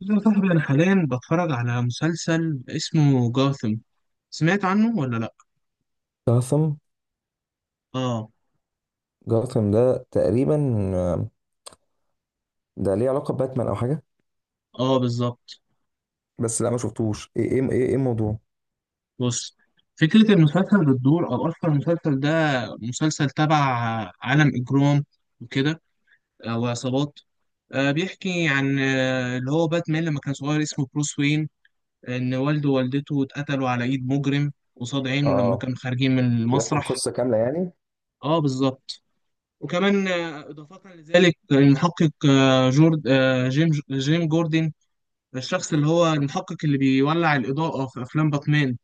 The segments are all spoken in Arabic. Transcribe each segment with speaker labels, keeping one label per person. Speaker 1: بص يا صاحبي، أنا حاليا بتفرج على مسلسل اسمه جاثم. سمعت عنه ولا لأ؟
Speaker 2: جاثم.
Speaker 1: آه.
Speaker 2: جاثم ده تقريبا. آه، ده ليه علاقة بباتمان أو حاجة؟
Speaker 1: آه بالظبط.
Speaker 2: بس لا، ما شفتوش، إيه الموضوع؟
Speaker 1: بص، فكرة المسلسل بتدور، أو أصلا المسلسل ده مسلسل تبع عالم إجرام وكده، أو عصابات. بيحكي عن اللي هو باتمان لما كان صغير اسمه بروس وين، إن والده ووالدته اتقتلوا على إيد مجرم قصاد عينه لما
Speaker 2: آه،
Speaker 1: كانوا خارجين من
Speaker 2: بيحكوا
Speaker 1: المسرح.
Speaker 2: القصة كاملة يعني؟
Speaker 1: آه بالظبط. وكمان إضافة لذلك المحقق آه، جورد آه، جيم جيم جوردن، الشخص اللي هو المحقق اللي بيولع الإضاءة في أفلام باتمان.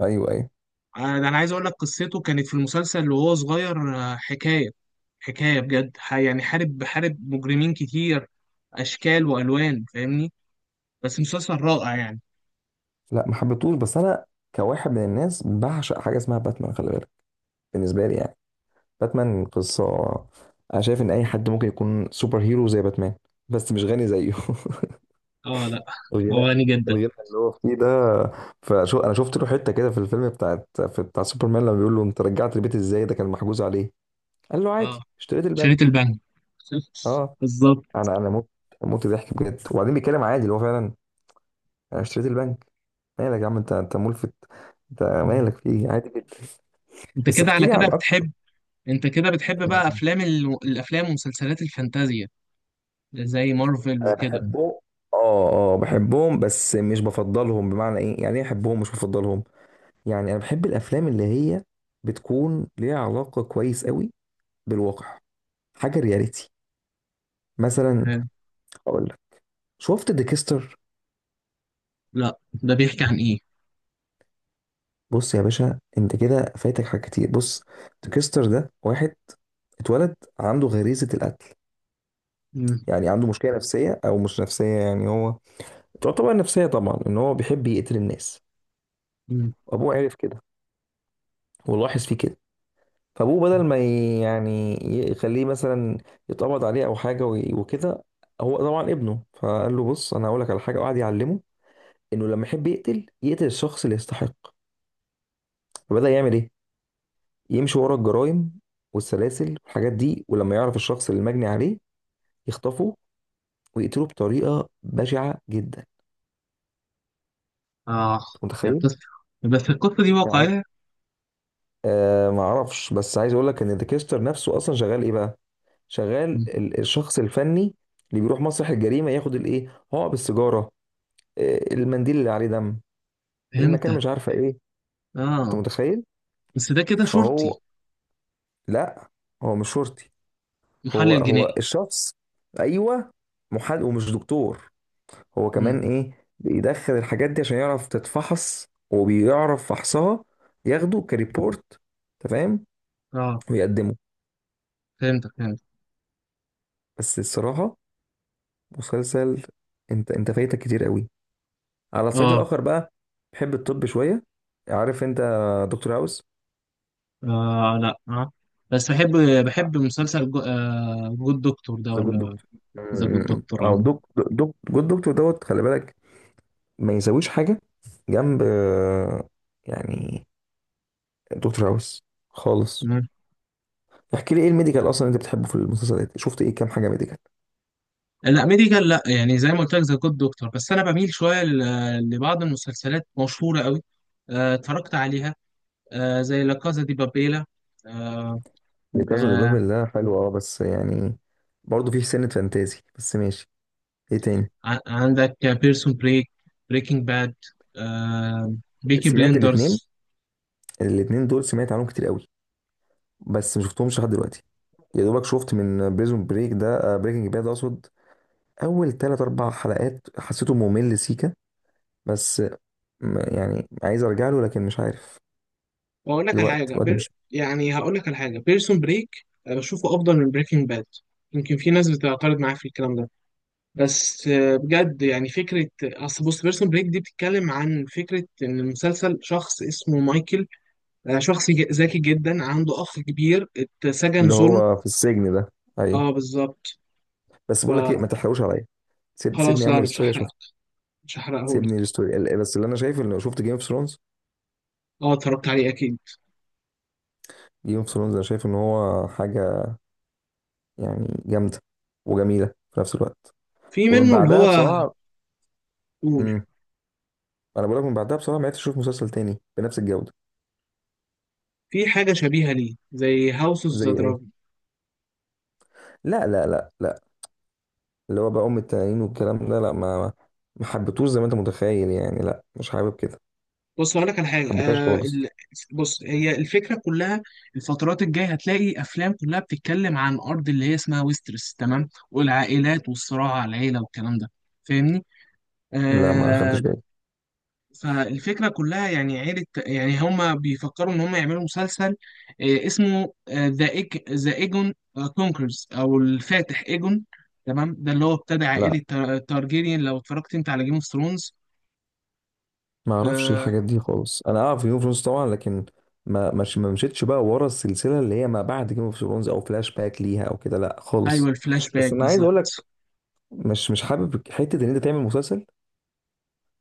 Speaker 2: أيوه أيوه.
Speaker 1: ده أنا عايز أقول لك قصته كانت في المسلسل وهو صغير. حكاية بجد يعني حارب مجرمين كتير، أشكال وألوان، فاهمني. بس مسلسل رائع يعني.
Speaker 2: لا ما حبيتهوش، بس أنا كواحد من الناس بعشق حاجة اسمها باتمان، خلي بالك. بالنسبة لي يعني، باتمان قصة. أنا شايف إن أي حد ممكن يكون سوبر هيرو زي باتمان، بس مش غني زيه.
Speaker 1: اه لا،
Speaker 2: الغنى،
Speaker 1: هو غني جدا.
Speaker 2: الغنى اللي هو فيه ده. فشو، أنا شفت له حتة كده في الفيلم بتاعت، في بتاع سوبرمان، لما بيقول له أنت رجعت البيت إزاي؟ ده كان محجوز عليه. قال له
Speaker 1: اه،
Speaker 2: عادي، اشتريت
Speaker 1: شريط
Speaker 2: البنك.
Speaker 1: البنك.
Speaker 2: اه.
Speaker 1: بالظبط.
Speaker 2: انا موت، موت ضحك بجد. وبعدين بيتكلم عادي اللي هو فعلا، انا اشتريت البنك. مالك يا عم؟ انت ملفت. انت
Speaker 1: مم.
Speaker 2: مالك؟ في ايه؟ عادي جدا.
Speaker 1: انت
Speaker 2: بس
Speaker 1: كده
Speaker 2: احكي
Speaker 1: على
Speaker 2: لي
Speaker 1: كده
Speaker 2: عن اكتر.
Speaker 1: بتحب، انت كده بتحب بقى
Speaker 2: يعني،
Speaker 1: افلام الافلام ومسلسلات الفانتازيا، زي مارفل
Speaker 2: أنا
Speaker 1: وكده.
Speaker 2: بحبهم. اه، اه بحبهم بس مش بفضلهم. بمعنى ايه؟ يعني ايه احبهم مش بفضلهم؟ يعني انا بحب الافلام اللي هي بتكون ليها علاقة كويس قوي بالواقع، حاجة رياليتي. مثلا،
Speaker 1: حلو.
Speaker 2: اقول لك، شفت ديكستر؟
Speaker 1: لا، ده بيحكي عن ايه؟
Speaker 2: بص يا باشا، انت كده فايتك حاجات كتير. بص، تكستر ده واحد اتولد عنده غريزة القتل.
Speaker 1: مم.
Speaker 2: يعني عنده مشكلة نفسية او مش نفسية، يعني هو تعتبر نفسية طبعا، ان هو بيحب يقتل الناس.
Speaker 1: مم.
Speaker 2: وابوه عرف كده، ولاحظ فيه كده. فابوه بدل ما يخليه مثلا يتقبض عليه او حاجة وكده، هو طبعا ابنه، فقال له بص، انا هقول لك على حاجة، وقعد يعلمه انه لما يحب يقتل، يقتل الشخص اللي يستحق. فبدأ يعمل ايه؟ يمشي ورا الجرائم والسلاسل والحاجات دي، ولما يعرف الشخص اللي مجني عليه يخطفه ويقتله بطريقة بشعة جدا.
Speaker 1: اه،
Speaker 2: أنت
Speaker 1: يا
Speaker 2: متخيل؟
Speaker 1: قصة، بس القصة دي
Speaker 2: يعني،
Speaker 1: واقعية.
Speaker 2: آه ما اعرفش، بس عايز اقول لك ان ديكستر نفسه اصلا شغال ايه بقى؟ شغال
Speaker 1: مم.
Speaker 2: الشخص الفني اللي بيروح مسرح الجريمة ياخد الايه؟ هو السيجارة، المنديل اللي عليه دم، المكان،
Speaker 1: فهمتك.
Speaker 2: مش عارفة ايه. انت
Speaker 1: اه،
Speaker 2: متخيل؟
Speaker 1: بس ده كده
Speaker 2: فهو،
Speaker 1: شرطي.
Speaker 2: لا، هو مش شرطي. هو
Speaker 1: محلل
Speaker 2: هو
Speaker 1: جنائي.
Speaker 2: الشخص، ايوه، محامي ومش دكتور. هو كمان
Speaker 1: مم.
Speaker 2: ايه، بيدخل الحاجات دي عشان يعرف تتفحص، وبيعرف فحصها. ياخده كريبورت، تمام،
Speaker 1: اه،
Speaker 2: ويقدمه.
Speaker 1: فهمتك، فهمت.
Speaker 2: بس الصراحة مسلسل، انت فايتك كتير قوي. على الصعيد
Speaker 1: اه.
Speaker 2: الاخر بقى، بحب الطب شوية. عارف انت دكتور هاوس؟
Speaker 1: اه لا، اه، بس بحب مسلسل جود دكتور ده،
Speaker 2: ذا جود
Speaker 1: ولا
Speaker 2: دكتور،
Speaker 1: ذا جود دكتور؟
Speaker 2: او دك جود دكتور دوت، خلي بالك، ما يساويش حاجة جنب، يعني، دكتور هاوس خالص.
Speaker 1: اه
Speaker 2: احكي لي، ايه الميديكال اصلا انت بتحبه في المسلسلات؟ شفت ايه؟ كام حاجة ميديكال؟
Speaker 1: لا، ميديكال لا، يعني زي ما قلت لك ذا جود دكتور، بس انا بميل شويه لبعض المسلسلات مشهوره قوي. اتفرجت عليها زي لا كازا دي بابيلا. آه،
Speaker 2: دي كاسا دي
Speaker 1: آه،
Speaker 2: بابل ده حلو، اه، بس يعني برضه فيه سنة فانتازي، بس ماشي. ايه تاني؟
Speaker 1: عندك بيرسون بريك، بريكنج باد، بيكي
Speaker 2: سمعت الاتنين،
Speaker 1: بليندرز.
Speaker 2: الاتنين دول سمعت عنهم كتير قوي، بس ما شفتهمش لحد دلوقتي. يا دوبك شفت من بريزون بريك ده، بريكنج باد اقصد، اول تلات اربع حلقات، حسيته ممل سيكا. بس يعني عايز ارجع له لكن مش عارف.
Speaker 1: واقول لك على
Speaker 2: الوقت
Speaker 1: حاجه
Speaker 2: الوقت مش.
Speaker 1: يعني هقول لك على حاجه بيرسون بريك، بشوفه افضل من بريكنج باد. يمكن في ناس بتعترض معايا في الكلام ده، بس بجد يعني فكرة، أصل بص بيرسون بريك دي بتتكلم عن فكرة إن المسلسل شخص اسمه مايكل، شخص ذكي جدا، عنده أخ كبير اتسجن
Speaker 2: اللي
Speaker 1: ظلم.
Speaker 2: هو في السجن ده، ايوه.
Speaker 1: اه بالظبط.
Speaker 2: بس بقول لك ايه، ما تحرقوش عليا. سيبني
Speaker 1: فخلاص، لا أنا
Speaker 2: اعمل
Speaker 1: مش
Speaker 2: ستوري
Speaker 1: هحرقه،
Speaker 2: اشوف.
Speaker 1: مش
Speaker 2: سيبني
Speaker 1: هحرقهولك.
Speaker 2: الستوري. بس اللي انا شايف، اللي شفت جيم اوف ثرونز،
Speaker 1: اه، اتفرجت عليه أكيد.
Speaker 2: جيم اوف ثرونز، انا شايف ان هو حاجة، يعني، جامدة وجميلة في نفس الوقت.
Speaker 1: في
Speaker 2: ومن
Speaker 1: منه اللي
Speaker 2: بعدها
Speaker 1: هو.
Speaker 2: بصراحة،
Speaker 1: قول.
Speaker 2: امم، انا بقول لك من بعدها بصراحة ما عرفتش اشوف مسلسل تاني بنفس الجودة.
Speaker 1: في حاجة شبيهة ليه زي هاوس اوف
Speaker 2: زي
Speaker 1: ذا.
Speaker 2: ايه؟ لا، اللي هو بقى ام التنانين والكلام ده، لا، ما ما حبيتوش، زي ما انت متخيل يعني، لا مش حابب كده.
Speaker 1: بص هقول لك على
Speaker 2: ما
Speaker 1: حاجه
Speaker 2: حبيتهاش خالص.
Speaker 1: بص هي الفكره كلها، الفترات الجايه هتلاقي افلام كلها بتتكلم عن ارض اللي هي اسمها ويسترس، تمام، والعائلات والصراع على العيله والكلام ده. فاهمني.
Speaker 2: لا، ما
Speaker 1: آه.
Speaker 2: خدتش بالي.
Speaker 1: فالفكره كلها يعني عيله، يعني هما بيفكروا ان هما يعملوا مسلسل، آه اسمه ذا ايجون كونكرز، او الفاتح ايجون. تمام، ده اللي هو ابتدى
Speaker 2: لا،
Speaker 1: عائله تارجيريان لو اتفرجت انت على جيم اوف ثرونز.
Speaker 2: ما اعرفش الحاجات
Speaker 1: آه.
Speaker 2: دي خالص. انا اعرف جيم اوف ثرونز طبعا، لكن ما، مش ما مشيتش بقى ورا السلسلة اللي هي ما بعد جيم اوف ثرونز، او فلاش باك ليها او كده، لا
Speaker 1: ايوه
Speaker 2: خالص.
Speaker 1: الفلاش باك
Speaker 2: بس انا عايز اقول لك،
Speaker 1: بالظبط.
Speaker 2: مش حابب حتة ان انت تعمل مسلسل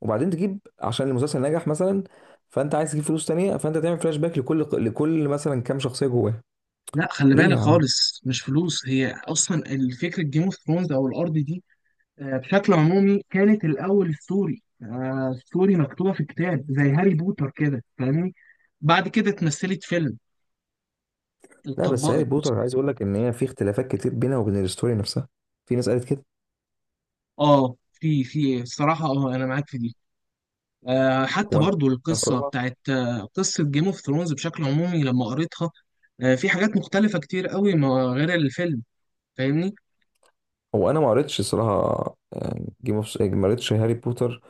Speaker 2: وبعدين تجيب، عشان المسلسل نجح مثلا، فانت عايز تجيب فلوس تانية، فانت تعمل فلاش باك لكل مثلا كام شخصية جواه.
Speaker 1: لا خلي
Speaker 2: ليه
Speaker 1: بالك،
Speaker 2: يا عم؟
Speaker 1: خالص مش فلوس، هي اصلا الفكره جيم اوف ثرونز او الارض دي. بشكل عمومي كانت الاول ستوري، ستوري مكتوبه في كتاب زي هاري بوتر كده، فاهمني. بعد كده اتمثلت فيلم،
Speaker 2: لا، بس هاري
Speaker 1: اتطبقت.
Speaker 2: بوتر، عايز اقول لك ان هي في اختلافات كتير بينها وبين الستوري نفسها. في ناس قالت كده.
Speaker 1: اه، في الصراحه، اه انا معاك في دي. حتى
Speaker 2: وانا
Speaker 1: برضو القصه
Speaker 2: الصراحة،
Speaker 1: بتاعت قصه جيم اوف ثرونز بشكل عمومي لما قريتها. في حاجات مختلفه كتير قوي ما غير الفيلم، فاهمني.
Speaker 2: هو انا ما قريتش الصراحة جيم اوف، ما قريتش هاري بوتر،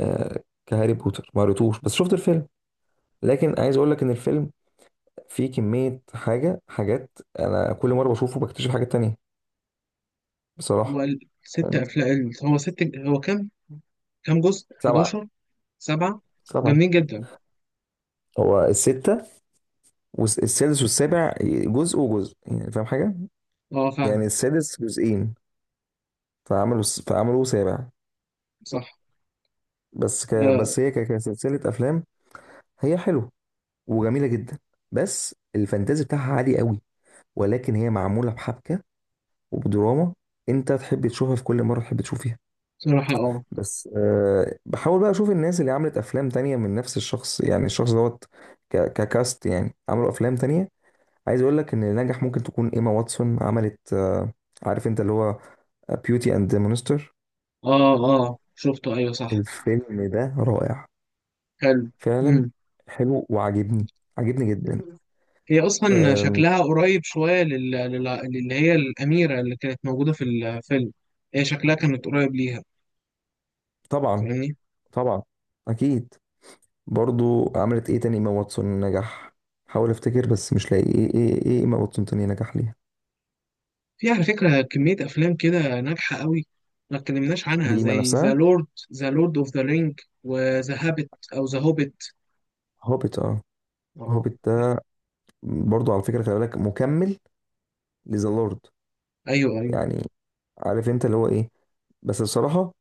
Speaker 2: كهاري بوتر ما قريتوش، بس شفت الفيلم. لكن عايز اقول لك ان الفيلم فيه كمية حاجات، انا كل مرة بشوفه بكتشف حاجات تانية، بصراحة.
Speaker 1: هو ست
Speaker 2: يعني،
Speaker 1: افلام، هو ست، هو كام جزء
Speaker 2: سبعة.
Speaker 1: 11؟ سبعة،
Speaker 2: سبعة.
Speaker 1: جامدين جدا.
Speaker 2: هو الستة، والسادس والسابع جزء وجزء، يعني فاهم حاجة؟
Speaker 1: اه
Speaker 2: يعني
Speaker 1: فاهم،
Speaker 2: السادس جزئين، فعملوا سابع.
Speaker 1: صح.
Speaker 2: بس ك،
Speaker 1: آه،
Speaker 2: بس هي ك، كسلسلة أفلام، هي حلوة وجميلة جدا. بس الفانتازي بتاعها عالي قوي، ولكن هي معمولة بحبكة وبدراما، أنت تحب تشوفها في كل مرة تحب تشوف فيها.
Speaker 1: بصراحة. اه
Speaker 2: بس أه بحاول بقى أشوف الناس اللي عملت أفلام تانية من نفس الشخص، يعني الشخص دوت، ك، ككاست، يعني عملوا أفلام تانية. عايز أقول لك إن اللي نجح، ممكن تكون إيما واتسون، عملت عارف أنت اللي هو بيوتي اند ذا مونستر.
Speaker 1: اه اه شفته، ايوه صح.
Speaker 2: الفيلم ده رائع
Speaker 1: حلو. امم
Speaker 2: فعلا. حلو وعاجبني، عاجبني جدا.
Speaker 1: هي اصلا
Speaker 2: أم،
Speaker 1: شكلها قريب شوية اللي هي الأميرة اللي كانت موجودة في الفيلم، هي شكلها كانت قريب ليها،
Speaker 2: طبعا،
Speaker 1: فاهمني.
Speaker 2: طبعا، اكيد. برضو عملت ايه تاني ايما واتسون نجح؟ حاول افتكر بس مش لاقي، ايه ايما واتسون تاني نجح ليها؟
Speaker 1: في على فكرة كمية أفلام كده ناجحة قوي ما اتكلمناش عنها،
Speaker 2: لإيما
Speaker 1: زي
Speaker 2: نفسها.
Speaker 1: ذا لورد اوف ذا رينج، وذا هابت او ذا هوبت.
Speaker 2: هوبيت، اه.
Speaker 1: اه.
Speaker 2: هوبيت ده، برضو على فكرة خلي بالك، مكمل لذا لورد.
Speaker 1: ايوه ايوه.
Speaker 2: يعني عارف انت اللي هو ايه، بس بصراحة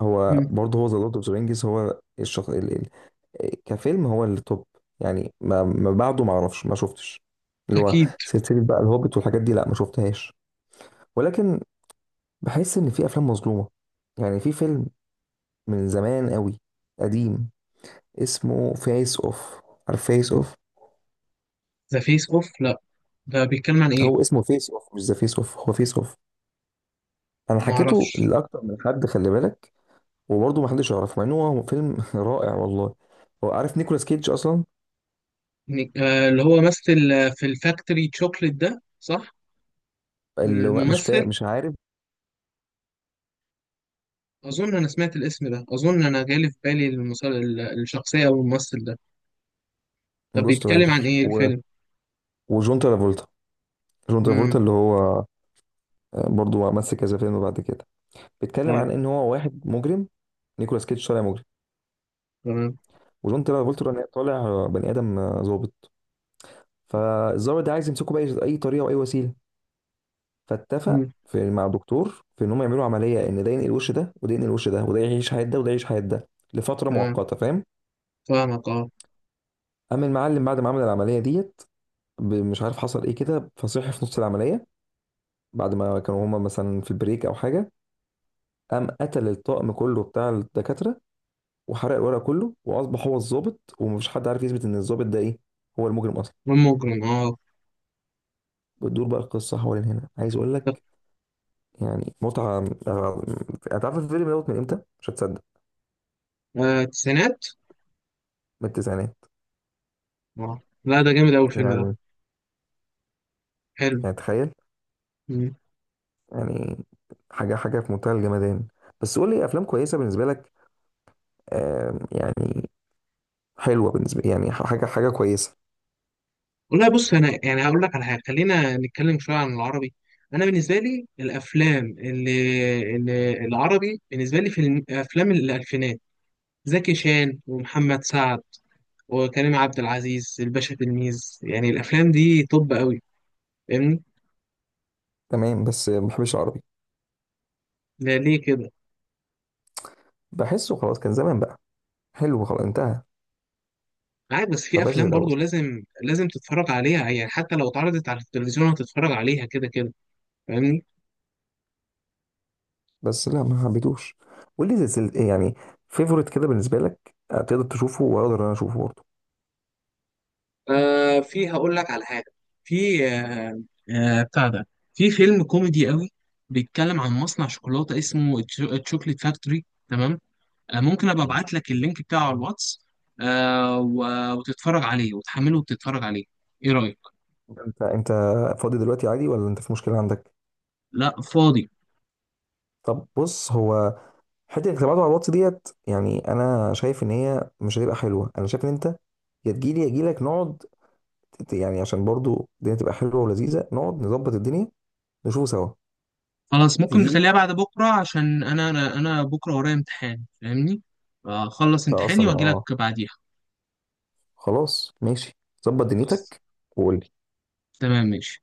Speaker 2: هو
Speaker 1: امم
Speaker 2: برضه، هو ذا لورد اوف ذا رينجز هو الشخص، كفيلم هو اللي توب. يعني ما بعده ما اعرفش، ما شفتش اللي هو
Speaker 1: اكيد.
Speaker 2: سلسلة بقى الهوبيت والحاجات دي، لا ما شفتهاش. ولكن بحس ان في افلام مظلومة. يعني في فيلم من زمان قوي، قديم، اسمه فيس اوف. عارف فيس اوف؟
Speaker 1: ذا فيس اوف، لا ده بيتكلم عن ايه؟
Speaker 2: هو اسمه فيس اوف، مش ذا فيس اوف، هو فيس اوف. انا
Speaker 1: ما
Speaker 2: حكيته
Speaker 1: اعرفش.
Speaker 2: لاكتر من حد، خلي بالك، وبرضه ما حدش يعرف، مع انه هو فيلم رائع والله. هو عارف نيكولاس كيدج اصلا؟
Speaker 1: اللي هو مثل في الفاكتوري تشوكلت ده، صح؟
Speaker 2: اللي هو مش فا،
Speaker 1: الممثل،
Speaker 2: مش عارف.
Speaker 1: اظن انا سمعت الاسم ده، اظن انا جالي في بالي الشخصية او الممثل ده. طب
Speaker 2: جوست
Speaker 1: بيتكلم عن
Speaker 2: رايدر،
Speaker 1: ايه
Speaker 2: و،
Speaker 1: الفيلم؟
Speaker 2: وجون ترافولتا. جون ترافولتا
Speaker 1: امم
Speaker 2: اللي هو برضه مثل كذا فيلم بعد كده. بيتكلم
Speaker 1: ايوه،
Speaker 2: عن ان هو واحد مجرم، نيكولاس كيدج طالع مجرم،
Speaker 1: تمام.
Speaker 2: وجون ترافولتا طالع بني ادم، ظابط. فالظابط ده عايز يمسكه باي اي طريقه واي وسيله، فاتفق
Speaker 1: مم،
Speaker 2: في مع الدكتور في ان هم يعملوا عمليه، ان ده ينقل وش ده وده ينقل وش ده، وده يعيش حياه ده وده يعيش حياه ده لفتره
Speaker 1: تمام،
Speaker 2: مؤقته، فاهم؟
Speaker 1: فاهمك، اه.
Speaker 2: اما المعلم بعد ما عمل العمليه ديت، مش عارف حصل ايه كده، فصحي في نص العمليه بعد ما كانوا هما مثلا في بريك او حاجه، قام قتل الطاقم كله بتاع الدكاتره، وحرق الورق كله، واصبح هو الضابط، ومفيش حد عارف يثبت ان الضابط ده ايه، هو المجرم اصلا.
Speaker 1: مجرم، اه.
Speaker 2: بتدور بقى القصه حوالين هنا. عايز اقول
Speaker 1: طب،
Speaker 2: لك، يعني، متعه. هتعرف الفيلم دوت من امتى؟ مش هتصدق.
Speaker 1: التسعينات؟
Speaker 2: من التسعينات.
Speaker 1: اه لا، ده جامد اوي الفيلم ده.
Speaker 2: يعني،
Speaker 1: حلو.
Speaker 2: يعني تخيل، يعني، حاجه في منتهى الجمدان. بس قول لي افلام كويسه بالنسبه لك. يعني حلوه بالنسبه، يعني حاجه كويسه.
Speaker 1: والله بص انا يعني هقول لك على حاجه، خلينا نتكلم شويه عن العربي. انا بالنسبه لي الافلام اللي العربي بالنسبه لي في افلام الالفينات، زكي شان ومحمد سعد وكريم عبد العزيز الباشا تلميذ، يعني الافلام دي طب قوي، فاهمني.
Speaker 2: تمام، بس ما بحبش العربي،
Speaker 1: لا ليه كده؟
Speaker 2: بحسه خلاص كان زمان بقى، حلو خلاص انتهى.
Speaker 1: عادي، بس
Speaker 2: ما
Speaker 1: في
Speaker 2: بقاش زي
Speaker 1: افلام
Speaker 2: الاول.
Speaker 1: برضو لازم لازم تتفرج عليها، يعني حتى لو اتعرضت على التلفزيون هتتفرج عليها كده كده، فاهمني.
Speaker 2: بس لا، ما حبيتوش. واللي زي سل، يعني فيفورت كده بالنسبه لك، تقدر تشوفه واقدر انا اشوفه برضه.
Speaker 1: آه، في هقول لك على حاجة، في بتاع ده، في فيلم كوميدي قوي بيتكلم عن مصنع شوكولاتة اسمه تشوكليت فاكتوري، تمام. آه ممكن ابقى ابعت لك اللينك بتاعه على الواتس، آه وتتفرج عليه وتحمله وتتفرج عليه. ايه رأيك؟
Speaker 2: انت، انت فاضي دلوقتي عادي ولا انت في مشكله عندك؟
Speaker 1: لا فاضي.
Speaker 2: طب بص، هو حته انك تبعته على الواتس ديت، يعني انا شايف ان هي مش هتبقى حلوه. انا شايف ان انت يا تجيلي يا اجيلك، نقعد، يعني عشان برضه الدنيا تبقى حلوه ولذيذه، نقعد نظبط الدنيا، نشوفه سوا.
Speaker 1: خلاص ممكن
Speaker 2: تجيلي.
Speaker 1: نخليها بعد بكرة عشان انا انا أنا بكرة ورايا امتحان، فاهمني. اخلص
Speaker 2: انت اصلا
Speaker 1: امتحاني واجي
Speaker 2: اه.
Speaker 1: لك بعديها.
Speaker 2: خلاص ماشي، ظبط
Speaker 1: خلاص.
Speaker 2: دنيتك، وقول لي.
Speaker 1: تمام ماشي.